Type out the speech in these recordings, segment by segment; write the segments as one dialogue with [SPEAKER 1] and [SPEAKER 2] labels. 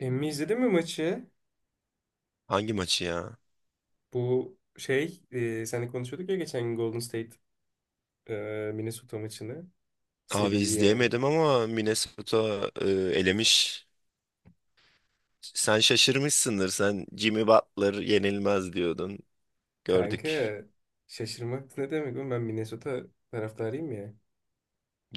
[SPEAKER 1] Emmi izledin mi maçı?
[SPEAKER 2] Hangi maçı ya?
[SPEAKER 1] Bu şey, seninle konuşuyorduk ya geçen gün Golden State e, Minnesota maçını.
[SPEAKER 2] Abi
[SPEAKER 1] Seriyi yani.
[SPEAKER 2] izleyemedim ama Minnesota elemiş. Sen şaşırmışsındır. Sen Jimmy Butler yenilmez diyordun. Gördük.
[SPEAKER 1] Kanka şaşırmak ne demek oğlum ben Minnesota taraftarıyım ya.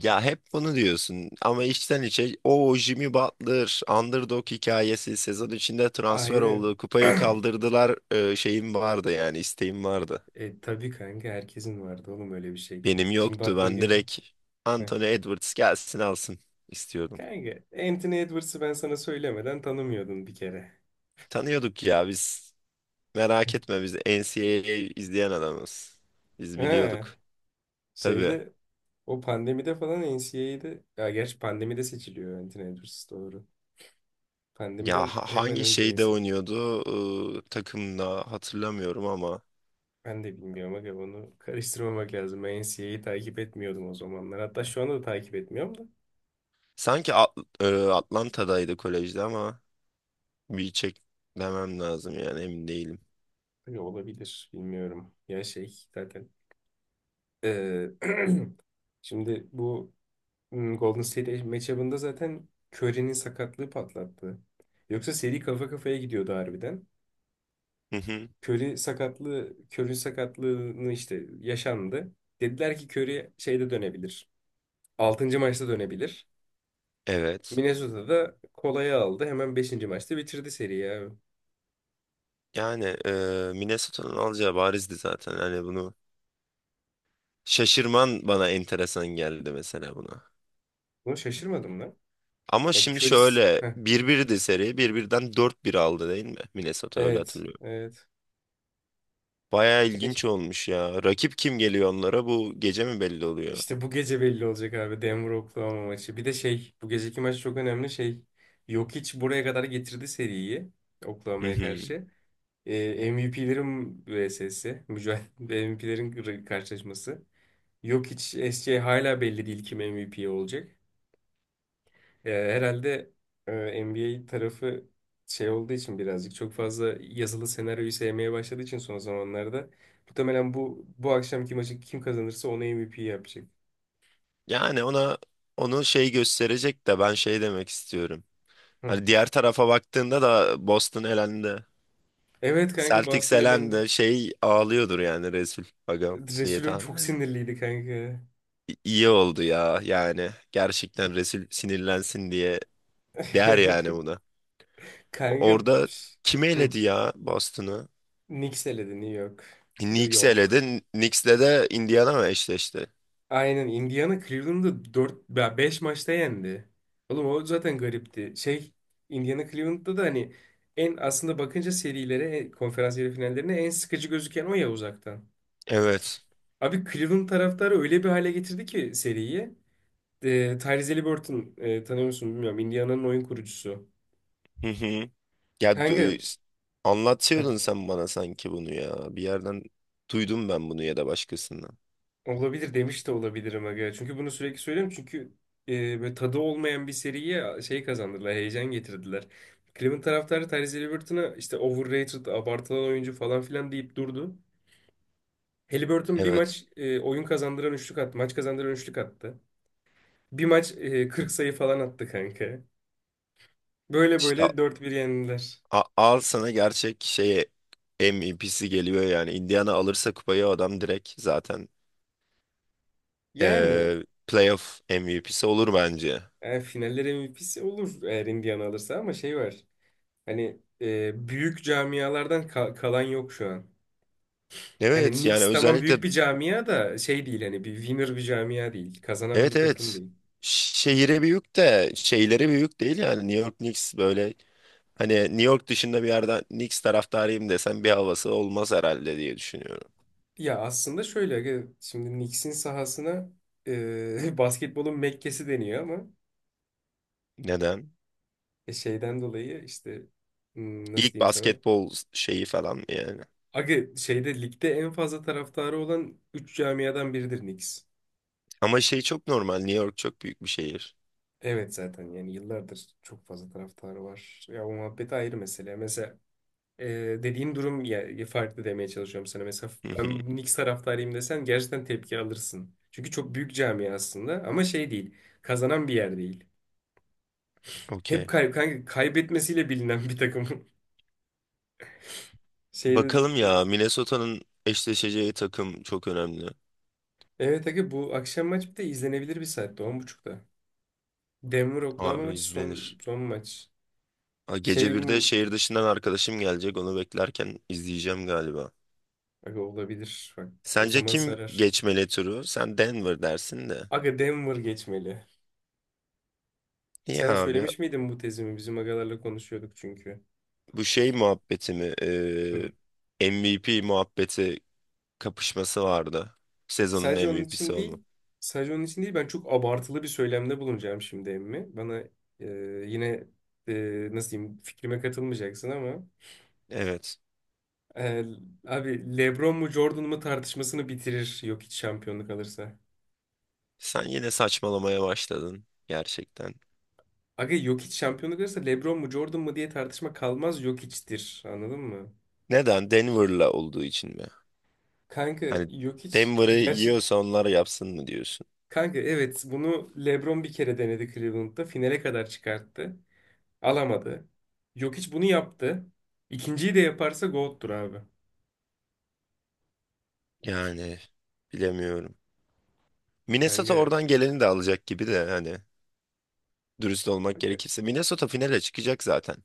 [SPEAKER 2] Ya hep bunu diyorsun ama içten içe o Jimmy Butler underdog hikayesi sezon içinde transfer
[SPEAKER 1] Aynen.
[SPEAKER 2] oldu. Kupayı kaldırdılar. Şeyim vardı yani isteğim vardı.
[SPEAKER 1] E tabii kanka herkesin vardı oğlum öyle bir şey.
[SPEAKER 2] Benim
[SPEAKER 1] Jim
[SPEAKER 2] yoktu.
[SPEAKER 1] Butler
[SPEAKER 2] Ben
[SPEAKER 1] gel.
[SPEAKER 2] direkt
[SPEAKER 1] Heh.
[SPEAKER 2] Anthony Edwards gelsin alsın istiyordum.
[SPEAKER 1] Kanka Anthony Edwards'ı ben sana söylemeden tanımıyordun bir kere.
[SPEAKER 2] Tanıyorduk ya biz. Merak etme, biz NCAA izleyen adamız. Biz
[SPEAKER 1] Ha,
[SPEAKER 2] biliyorduk. Tabii.
[SPEAKER 1] şeyde o pandemide falan NCAA'de ya gerçi pandemide seçiliyor Anthony Edwards doğru.
[SPEAKER 2] Ya
[SPEAKER 1] Pandemiden hemen
[SPEAKER 2] hangi
[SPEAKER 1] önce
[SPEAKER 2] şeyde
[SPEAKER 1] NC.
[SPEAKER 2] oynuyordu? Takımda hatırlamıyorum ama
[SPEAKER 1] Ben de bilmiyorum aga onu karıştırmamak lazım. Ben NCA'yi takip etmiyordum o zamanlar. Hatta şu anda da takip etmiyorum da.
[SPEAKER 2] sanki Atlanta'daydı kolejde ama bir çek demem lazım, yani emin değilim.
[SPEAKER 1] Aga, olabilir bilmiyorum. Ya şey zaten. eee, şimdi bu Golden State matchup'ında zaten Curry'nin sakatlığı patlattı. Yoksa seri kafa kafaya gidiyordu harbiden.
[SPEAKER 2] Hı hı.
[SPEAKER 1] Curry sakatlığını işte yaşandı. Dediler ki Curry şeyde dönebilir. Altıncı maçta dönebilir.
[SPEAKER 2] Evet.
[SPEAKER 1] Minnesota'da kolayı aldı. Hemen beşinci maçta bitirdi seriyi abi.
[SPEAKER 2] Yani Minnesota'nın alacağı barizdi zaten. Hani bunu şaşırman bana enteresan geldi mesela, buna.
[SPEAKER 1] Bunu şaşırmadım lan.
[SPEAKER 2] Ama
[SPEAKER 1] Yani
[SPEAKER 2] şimdi
[SPEAKER 1] Curry's...
[SPEAKER 2] şöyle
[SPEAKER 1] Heh,
[SPEAKER 2] bir 1di seri. Bir birden dört bir aldı değil mi? Minnesota, öyle
[SPEAKER 1] evet.
[SPEAKER 2] hatırlıyorum.
[SPEAKER 1] Evet.
[SPEAKER 2] Baya
[SPEAKER 1] Keş-
[SPEAKER 2] ilginç olmuş ya. Rakip kim geliyor onlara? Bu gece mi belli oluyor?
[SPEAKER 1] İşte bu gece belli olacak abi. Denver Oklahoma maçı. Bir de şey bu geceki maç çok önemli şey. Jokic buraya kadar getirdi seriyi.
[SPEAKER 2] Hı
[SPEAKER 1] Oklahoma'ya
[SPEAKER 2] hı.
[SPEAKER 1] karşı. MVP'lerin vs'si. Mücadele MVP'lerin karşılaşması. Jokic, SGA hala belli değil kim MVP olacak. Ya herhalde e, NBA tarafı şey olduğu için birazcık çok fazla yazılı senaryoyu sevmeye başladığı için son zamanlarda muhtemelen bu akşamki maçı kim kazanırsa ona MVP yapacak.
[SPEAKER 2] Yani onu şey gösterecek de, ben şey demek istiyorum.
[SPEAKER 1] Hı.
[SPEAKER 2] Hani diğer tarafa baktığında da Boston elendi.
[SPEAKER 1] Evet kanka
[SPEAKER 2] Celtics
[SPEAKER 1] Boston elendi.
[SPEAKER 2] elendi. Şey ağlıyordur yani Resul Agam, diye
[SPEAKER 1] Resulüm
[SPEAKER 2] tahmin
[SPEAKER 1] çok
[SPEAKER 2] ediyorum.
[SPEAKER 1] sinirliydi kanka.
[SPEAKER 2] İyi oldu ya yani. Gerçekten Resul sinirlensin diye der yani buna.
[SPEAKER 1] Kanka
[SPEAKER 2] Orada
[SPEAKER 1] pş,
[SPEAKER 2] kim
[SPEAKER 1] hı.
[SPEAKER 2] eledi ya Boston'ı?
[SPEAKER 1] Knicks eledi New York. New
[SPEAKER 2] Knicks
[SPEAKER 1] York.
[SPEAKER 2] eledi. Knicks'le de Indiana mı eşleşti?
[SPEAKER 1] Aynen Indiana Cleveland'ı 4 5 maçta yendi. Oğlum o zaten garipti. Şey Indiana Cleveland'da da hani en aslında bakınca serilere, konferans yarı finallerine en sıkıcı gözüken o ya uzaktan.
[SPEAKER 2] Evet.
[SPEAKER 1] Abi Cleveland taraftarı öyle bir hale getirdi ki seriyi. E, Tyrese Haliburton tanıyor musun bilmiyorum. Indiana'nın oyun kurucusu.
[SPEAKER 2] Ya
[SPEAKER 1] Kanka
[SPEAKER 2] anlatıyordun sen bana sanki bunu ya. Bir yerden duydum ben bunu, ya da başkasından.
[SPEAKER 1] olabilir demiş de olabilirim aga. Çünkü bunu sürekli söylüyorum. Çünkü böyle tadı olmayan bir seriye şey kazandırdılar. Heyecan getirdiler. Cleveland taraftarı Tyrese Halliburton'a işte overrated, abartılan oyuncu falan filan deyip durdu. Halliburton bir
[SPEAKER 2] Evet.
[SPEAKER 1] maç oyun kazandıran üçlük attı. Maç kazandıran üçlük attı. Bir maç 40 sayı falan attı kanka. Böyle
[SPEAKER 2] İşte
[SPEAKER 1] böyle dört bir yendiler.
[SPEAKER 2] al sana gerçek şeye MVP'si geliyor yani. Indiana alırsa kupayı adam direkt zaten
[SPEAKER 1] Yani,
[SPEAKER 2] playoff MVP'si olur bence.
[SPEAKER 1] yani, finaller MVP'si olur eğer Indiana alırsa ama şey var. Hani büyük camialardan kalan yok şu an. Yani
[SPEAKER 2] Evet, yani
[SPEAKER 1] Knicks tamam
[SPEAKER 2] özellikle
[SPEAKER 1] büyük bir camia da şey değil hani bir winner bir camia değil. Kazanan
[SPEAKER 2] evet,
[SPEAKER 1] bir takım
[SPEAKER 2] evet,
[SPEAKER 1] değil.
[SPEAKER 2] şehire büyük de şeylere büyük değil yani. New York Knicks böyle, hani New York dışında bir yerden Knicks taraftarıyım desen bir havası olmaz herhalde, diye düşünüyorum.
[SPEAKER 1] Ya aslında şöyle aga, şimdi Knicks'in sahasına basketbolun Mekke'si deniyor ama
[SPEAKER 2] Neden?
[SPEAKER 1] şeyden dolayı işte nasıl
[SPEAKER 2] İlk
[SPEAKER 1] diyeyim sana?
[SPEAKER 2] basketbol şeyi falan yani.
[SPEAKER 1] Aga şeyde ligde en fazla taraftarı olan 3 camiadan biridir Knicks.
[SPEAKER 2] Ama şey çok normal, New York çok büyük bir şehir.
[SPEAKER 1] Evet zaten yani yıllardır çok fazla taraftarı var. Ya o muhabbet ayrı mesele. Mesela e, dediğin durum ya, farklı demeye çalışıyorum sana. Mesela
[SPEAKER 2] Hı hı.
[SPEAKER 1] ben Knicks taraftarıyım desen gerçekten tepki alırsın. Çünkü çok büyük cami aslında ama şey değil. Kazanan bir yer değil. Hep
[SPEAKER 2] Okey.
[SPEAKER 1] kanka kaybetmesiyle bilinen bir takım. Şeyde
[SPEAKER 2] Bakalım
[SPEAKER 1] e,
[SPEAKER 2] ya, Minnesota'nın eşleşeceği takım çok önemli.
[SPEAKER 1] evet aga bu akşam maç bir de izlenebilir bir saatte 10:30'da. Denver Oklahoma
[SPEAKER 2] Abi
[SPEAKER 1] maçı son
[SPEAKER 2] izlenir.
[SPEAKER 1] son maç.
[SPEAKER 2] Aa, gece
[SPEAKER 1] Şey
[SPEAKER 2] birde
[SPEAKER 1] mi-
[SPEAKER 2] şehir dışından arkadaşım gelecek. Onu beklerken izleyeceğim galiba.
[SPEAKER 1] aga olabilir. Bak o
[SPEAKER 2] Sence
[SPEAKER 1] zaman
[SPEAKER 2] kim
[SPEAKER 1] sarar.
[SPEAKER 2] geçmeli turu? Sen Denver dersin de.
[SPEAKER 1] Aga Denver geçmeli.
[SPEAKER 2] İyi
[SPEAKER 1] Sana
[SPEAKER 2] abi.
[SPEAKER 1] söylemiş miydim bu tezimi? Bizim agalarla konuşuyorduk çünkü.
[SPEAKER 2] Bu şey muhabbeti mi?
[SPEAKER 1] Hı.
[SPEAKER 2] MVP muhabbeti, kapışması vardı. Sezonun
[SPEAKER 1] Sadece onun
[SPEAKER 2] MVP'si
[SPEAKER 1] için
[SPEAKER 2] olmak.
[SPEAKER 1] değil, ben çok abartılı bir söylemde bulunacağım şimdi emmi. Bana e, yine nasıl diyeyim fikrime katılmayacaksın ama
[SPEAKER 2] Evet.
[SPEAKER 1] e, abi LeBron mu Jordan mu tartışmasını bitirir Jokic şampiyonluk alırsa.
[SPEAKER 2] Sen yine saçmalamaya başladın gerçekten.
[SPEAKER 1] Aga Jokic şampiyonluk alırsa LeBron mu Jordan mu diye tartışma kalmaz Jokic'tir anladın mı?
[SPEAKER 2] Neden? Denver'la olduğu için mi?
[SPEAKER 1] Kanka
[SPEAKER 2] Hani
[SPEAKER 1] Jokic
[SPEAKER 2] Denver'ı
[SPEAKER 1] gerçek
[SPEAKER 2] yiyorsa onlar yapsın mı diyorsun?
[SPEAKER 1] kanka evet bunu LeBron bir kere denedi Cleveland'da finale kadar çıkarttı. Alamadı. Jokic bunu yaptı. İkinciyi de yaparsa GOAT'tur abi.
[SPEAKER 2] Yani bilemiyorum. Minnesota
[SPEAKER 1] Kanka.
[SPEAKER 2] oradan geleni de alacak gibi de hani, dürüst olmak gerekirse. Minnesota finale çıkacak zaten.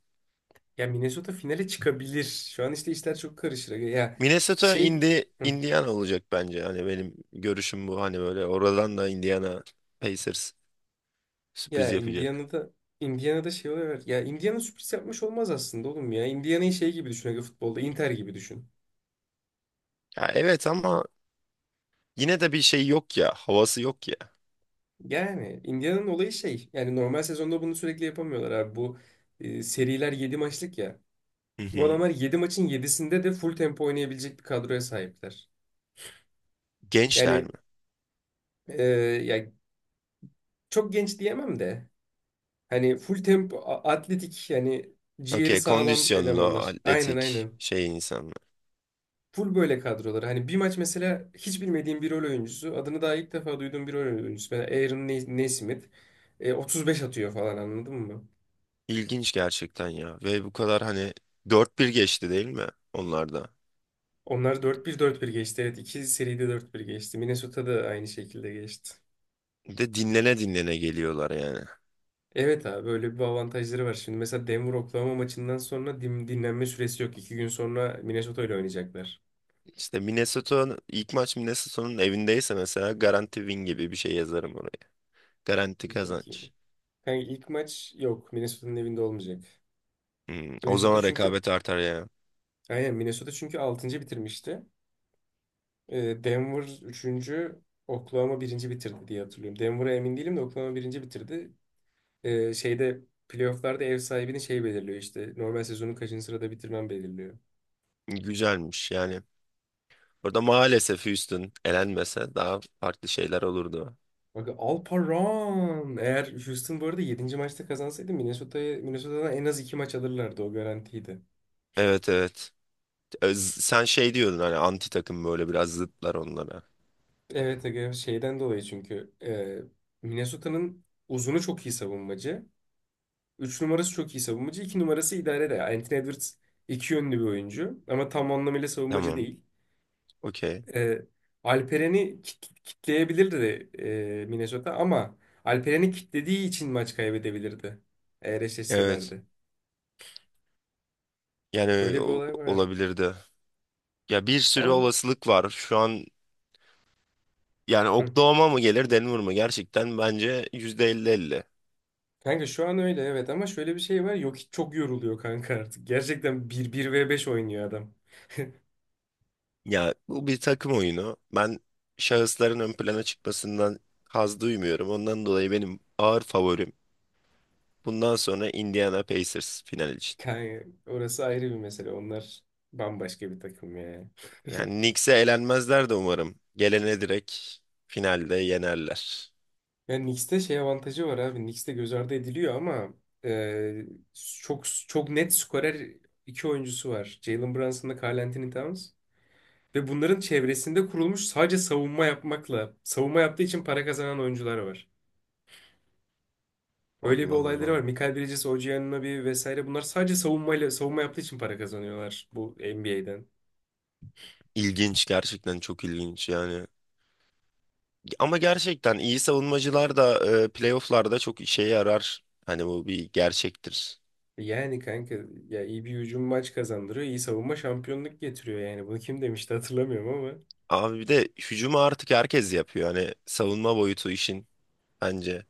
[SPEAKER 1] Ya Minnesota finale çıkabilir. Şu an işte işler çok karışır. Ya
[SPEAKER 2] Minnesota
[SPEAKER 1] şey
[SPEAKER 2] indi,
[SPEAKER 1] hı,
[SPEAKER 2] Indiana olacak bence. Hani benim görüşüm bu. Hani böyle oradan da Indiana Pacers sürpriz
[SPEAKER 1] ya
[SPEAKER 2] yapacak.
[SPEAKER 1] Indiana'da şey oluyor. Evet. Ya Indiana sürpriz yapmış olmaz aslında oğlum ya. Indiana'yı şey gibi düşün aga futbolda. Inter gibi düşün.
[SPEAKER 2] Ya evet ama yine de bir şey yok ya. Havası yok ya.
[SPEAKER 1] Yani Indiana'nın olayı şey. Yani normal sezonda bunu sürekli yapamıyorlar abi. Bu seriler 7 maçlık ya.
[SPEAKER 2] Hı
[SPEAKER 1] Bu
[SPEAKER 2] hı.
[SPEAKER 1] adamlar 7 maçın yedisinde de full tempo oynayabilecek bir kadroya sahipler.
[SPEAKER 2] Gençler mi?
[SPEAKER 1] Yani e, ya çok genç diyemem de. Hani full tempo, atletik yani ciğeri
[SPEAKER 2] Okey,
[SPEAKER 1] sağlam
[SPEAKER 2] kondisyonlu,
[SPEAKER 1] elemanlar. Aynen
[SPEAKER 2] atletik
[SPEAKER 1] aynen.
[SPEAKER 2] şey insanlar.
[SPEAKER 1] Full böyle kadrolar. Hani bir maç mesela hiç bilmediğim bir rol oyuncusu. Adını daha ilk defa duyduğum bir rol oyuncusu. Mesela Aaron Nesmith. 35 atıyor falan anladın mı?
[SPEAKER 2] İlginç gerçekten ya. Ve bu kadar hani dört bir geçti değil mi onlarda?
[SPEAKER 1] Onlar dört bir dört bir geçti. Evet iki seride dört bir geçti. Minnesota da aynı şekilde geçti.
[SPEAKER 2] Bir de dinlene dinlene geliyorlar yani.
[SPEAKER 1] Evet abi böyle bir avantajları var. Şimdi mesela Denver Oklahoma maçından sonra dinlenme süresi yok. 2 gün sonra Minnesota ile oynayacaklar.
[SPEAKER 2] İşte Minnesota, ilk maç Minnesota'nın evindeyse mesela garanti win gibi bir şey yazarım oraya. Garanti
[SPEAKER 1] Bir
[SPEAKER 2] kazanç.
[SPEAKER 1] bakayım. Yani ilk maç yok. Minnesota'nın evinde olmayacak.
[SPEAKER 2] Hmm, o
[SPEAKER 1] Minnesota
[SPEAKER 2] zaman
[SPEAKER 1] çünkü
[SPEAKER 2] rekabet artar ya.
[SPEAKER 1] aynen Minnesota çünkü altıncı bitirmişti. Denver üçüncü, Oklahoma birinci bitirdi diye hatırlıyorum. Denver'a emin değilim de Oklahoma birinci bitirdi. Şeyde playofflarda ev sahibini şey belirliyor işte. Normal sezonu kaçıncı sırada bitirmen belirliyor.
[SPEAKER 2] Güzelmiş yani. Orada maalesef Houston elenmese daha farklı şeyler olurdu.
[SPEAKER 1] Bak Alparan. Eğer Houston bu arada yedinci maçta kazansaydı Minnesota'ya Minnesota'dan en az 2 maç alırlardı o garantiydi.
[SPEAKER 2] Evet, evet. Sen şey diyordun hani, anti takım böyle biraz zıtlar onlara.
[SPEAKER 1] Evet aga şeyden dolayı çünkü Minnesota'nın uzunu çok iyi savunmacı. 3 numarası çok iyi savunmacı. İki numarası idare de. Anthony Edwards iki yönlü bir oyuncu. Ama tam anlamıyla savunmacı
[SPEAKER 2] Tamam.
[SPEAKER 1] değil.
[SPEAKER 2] Okey.
[SPEAKER 1] Ee, Alperen'i kitleyebilirdi Minnesota ama Alperen'i kitlediği için maç kaybedebilirdi. Eğer
[SPEAKER 2] Evet.
[SPEAKER 1] eşleşselerdi.
[SPEAKER 2] Yani
[SPEAKER 1] Öyle bir olay var.
[SPEAKER 2] olabilirdi. Ya bir sürü
[SPEAKER 1] Ama,
[SPEAKER 2] olasılık var. Şu an yani
[SPEAKER 1] hı.
[SPEAKER 2] Oklahoma mı gelir Denver mı? Gerçekten bence %50 %50.
[SPEAKER 1] Kanka şu an öyle evet ama şöyle bir şey var. Yok hiç çok yoruluyor kanka artık. Gerçekten bir ve beş oynuyor adam.
[SPEAKER 2] Ya bu bir takım oyunu. Ben şahısların ön plana çıkmasından haz duymuyorum. Ondan dolayı benim ağır favorim, bundan sonra Indiana Pacers final için.
[SPEAKER 1] Kanka orası ayrı bir mesele. Onlar bambaşka bir takım ya.
[SPEAKER 2] Yani Knicks'e elenmezler de umarım. Gelene direkt finalde yenerler.
[SPEAKER 1] Yani Knicks'te şey avantajı var abi. Knicks'te göz ardı ediliyor ama e, çok çok net skorer iki oyuncusu var. Jalen Brunson'la Karl Anthony Towns. Ve bunların çevresinde kurulmuş sadece savunma yapmakla, savunma yaptığı için para kazanan oyuncular var. Öyle bir
[SPEAKER 2] Allah
[SPEAKER 1] olayları var.
[SPEAKER 2] Allah.
[SPEAKER 1] Michael Bridges, OG Anunoby vesaire bunlar sadece savunmayla, savunma yaptığı için para kazanıyorlar bu NBA'den.
[SPEAKER 2] İlginç, gerçekten çok ilginç yani. Ama gerçekten iyi savunmacılar da playofflarda çok işe yarar. Hani bu bir gerçektir.
[SPEAKER 1] Yani kanka ya iyi bir hücum maç kazandırıyor, iyi savunma şampiyonluk getiriyor yani. Bunu kim demişti hatırlamıyorum ama.
[SPEAKER 2] Abi bir de hücumu artık herkes yapıyor. Hani savunma boyutu işin, bence.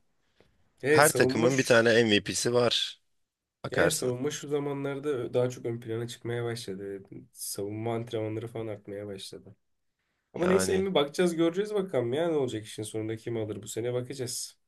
[SPEAKER 1] Evet
[SPEAKER 2] Her
[SPEAKER 1] savunma.
[SPEAKER 2] takımın bir tane MVP'si var
[SPEAKER 1] Yani
[SPEAKER 2] bakarsan.
[SPEAKER 1] savunma şu zamanlarda daha çok ön plana çıkmaya başladı. Savunma antrenmanları falan artmaya başladı. Ama neyse
[SPEAKER 2] Yani
[SPEAKER 1] emmi bakacağız göreceğiz bakalım ya ne olacak işin sonunda kim alır bu sene bakacağız.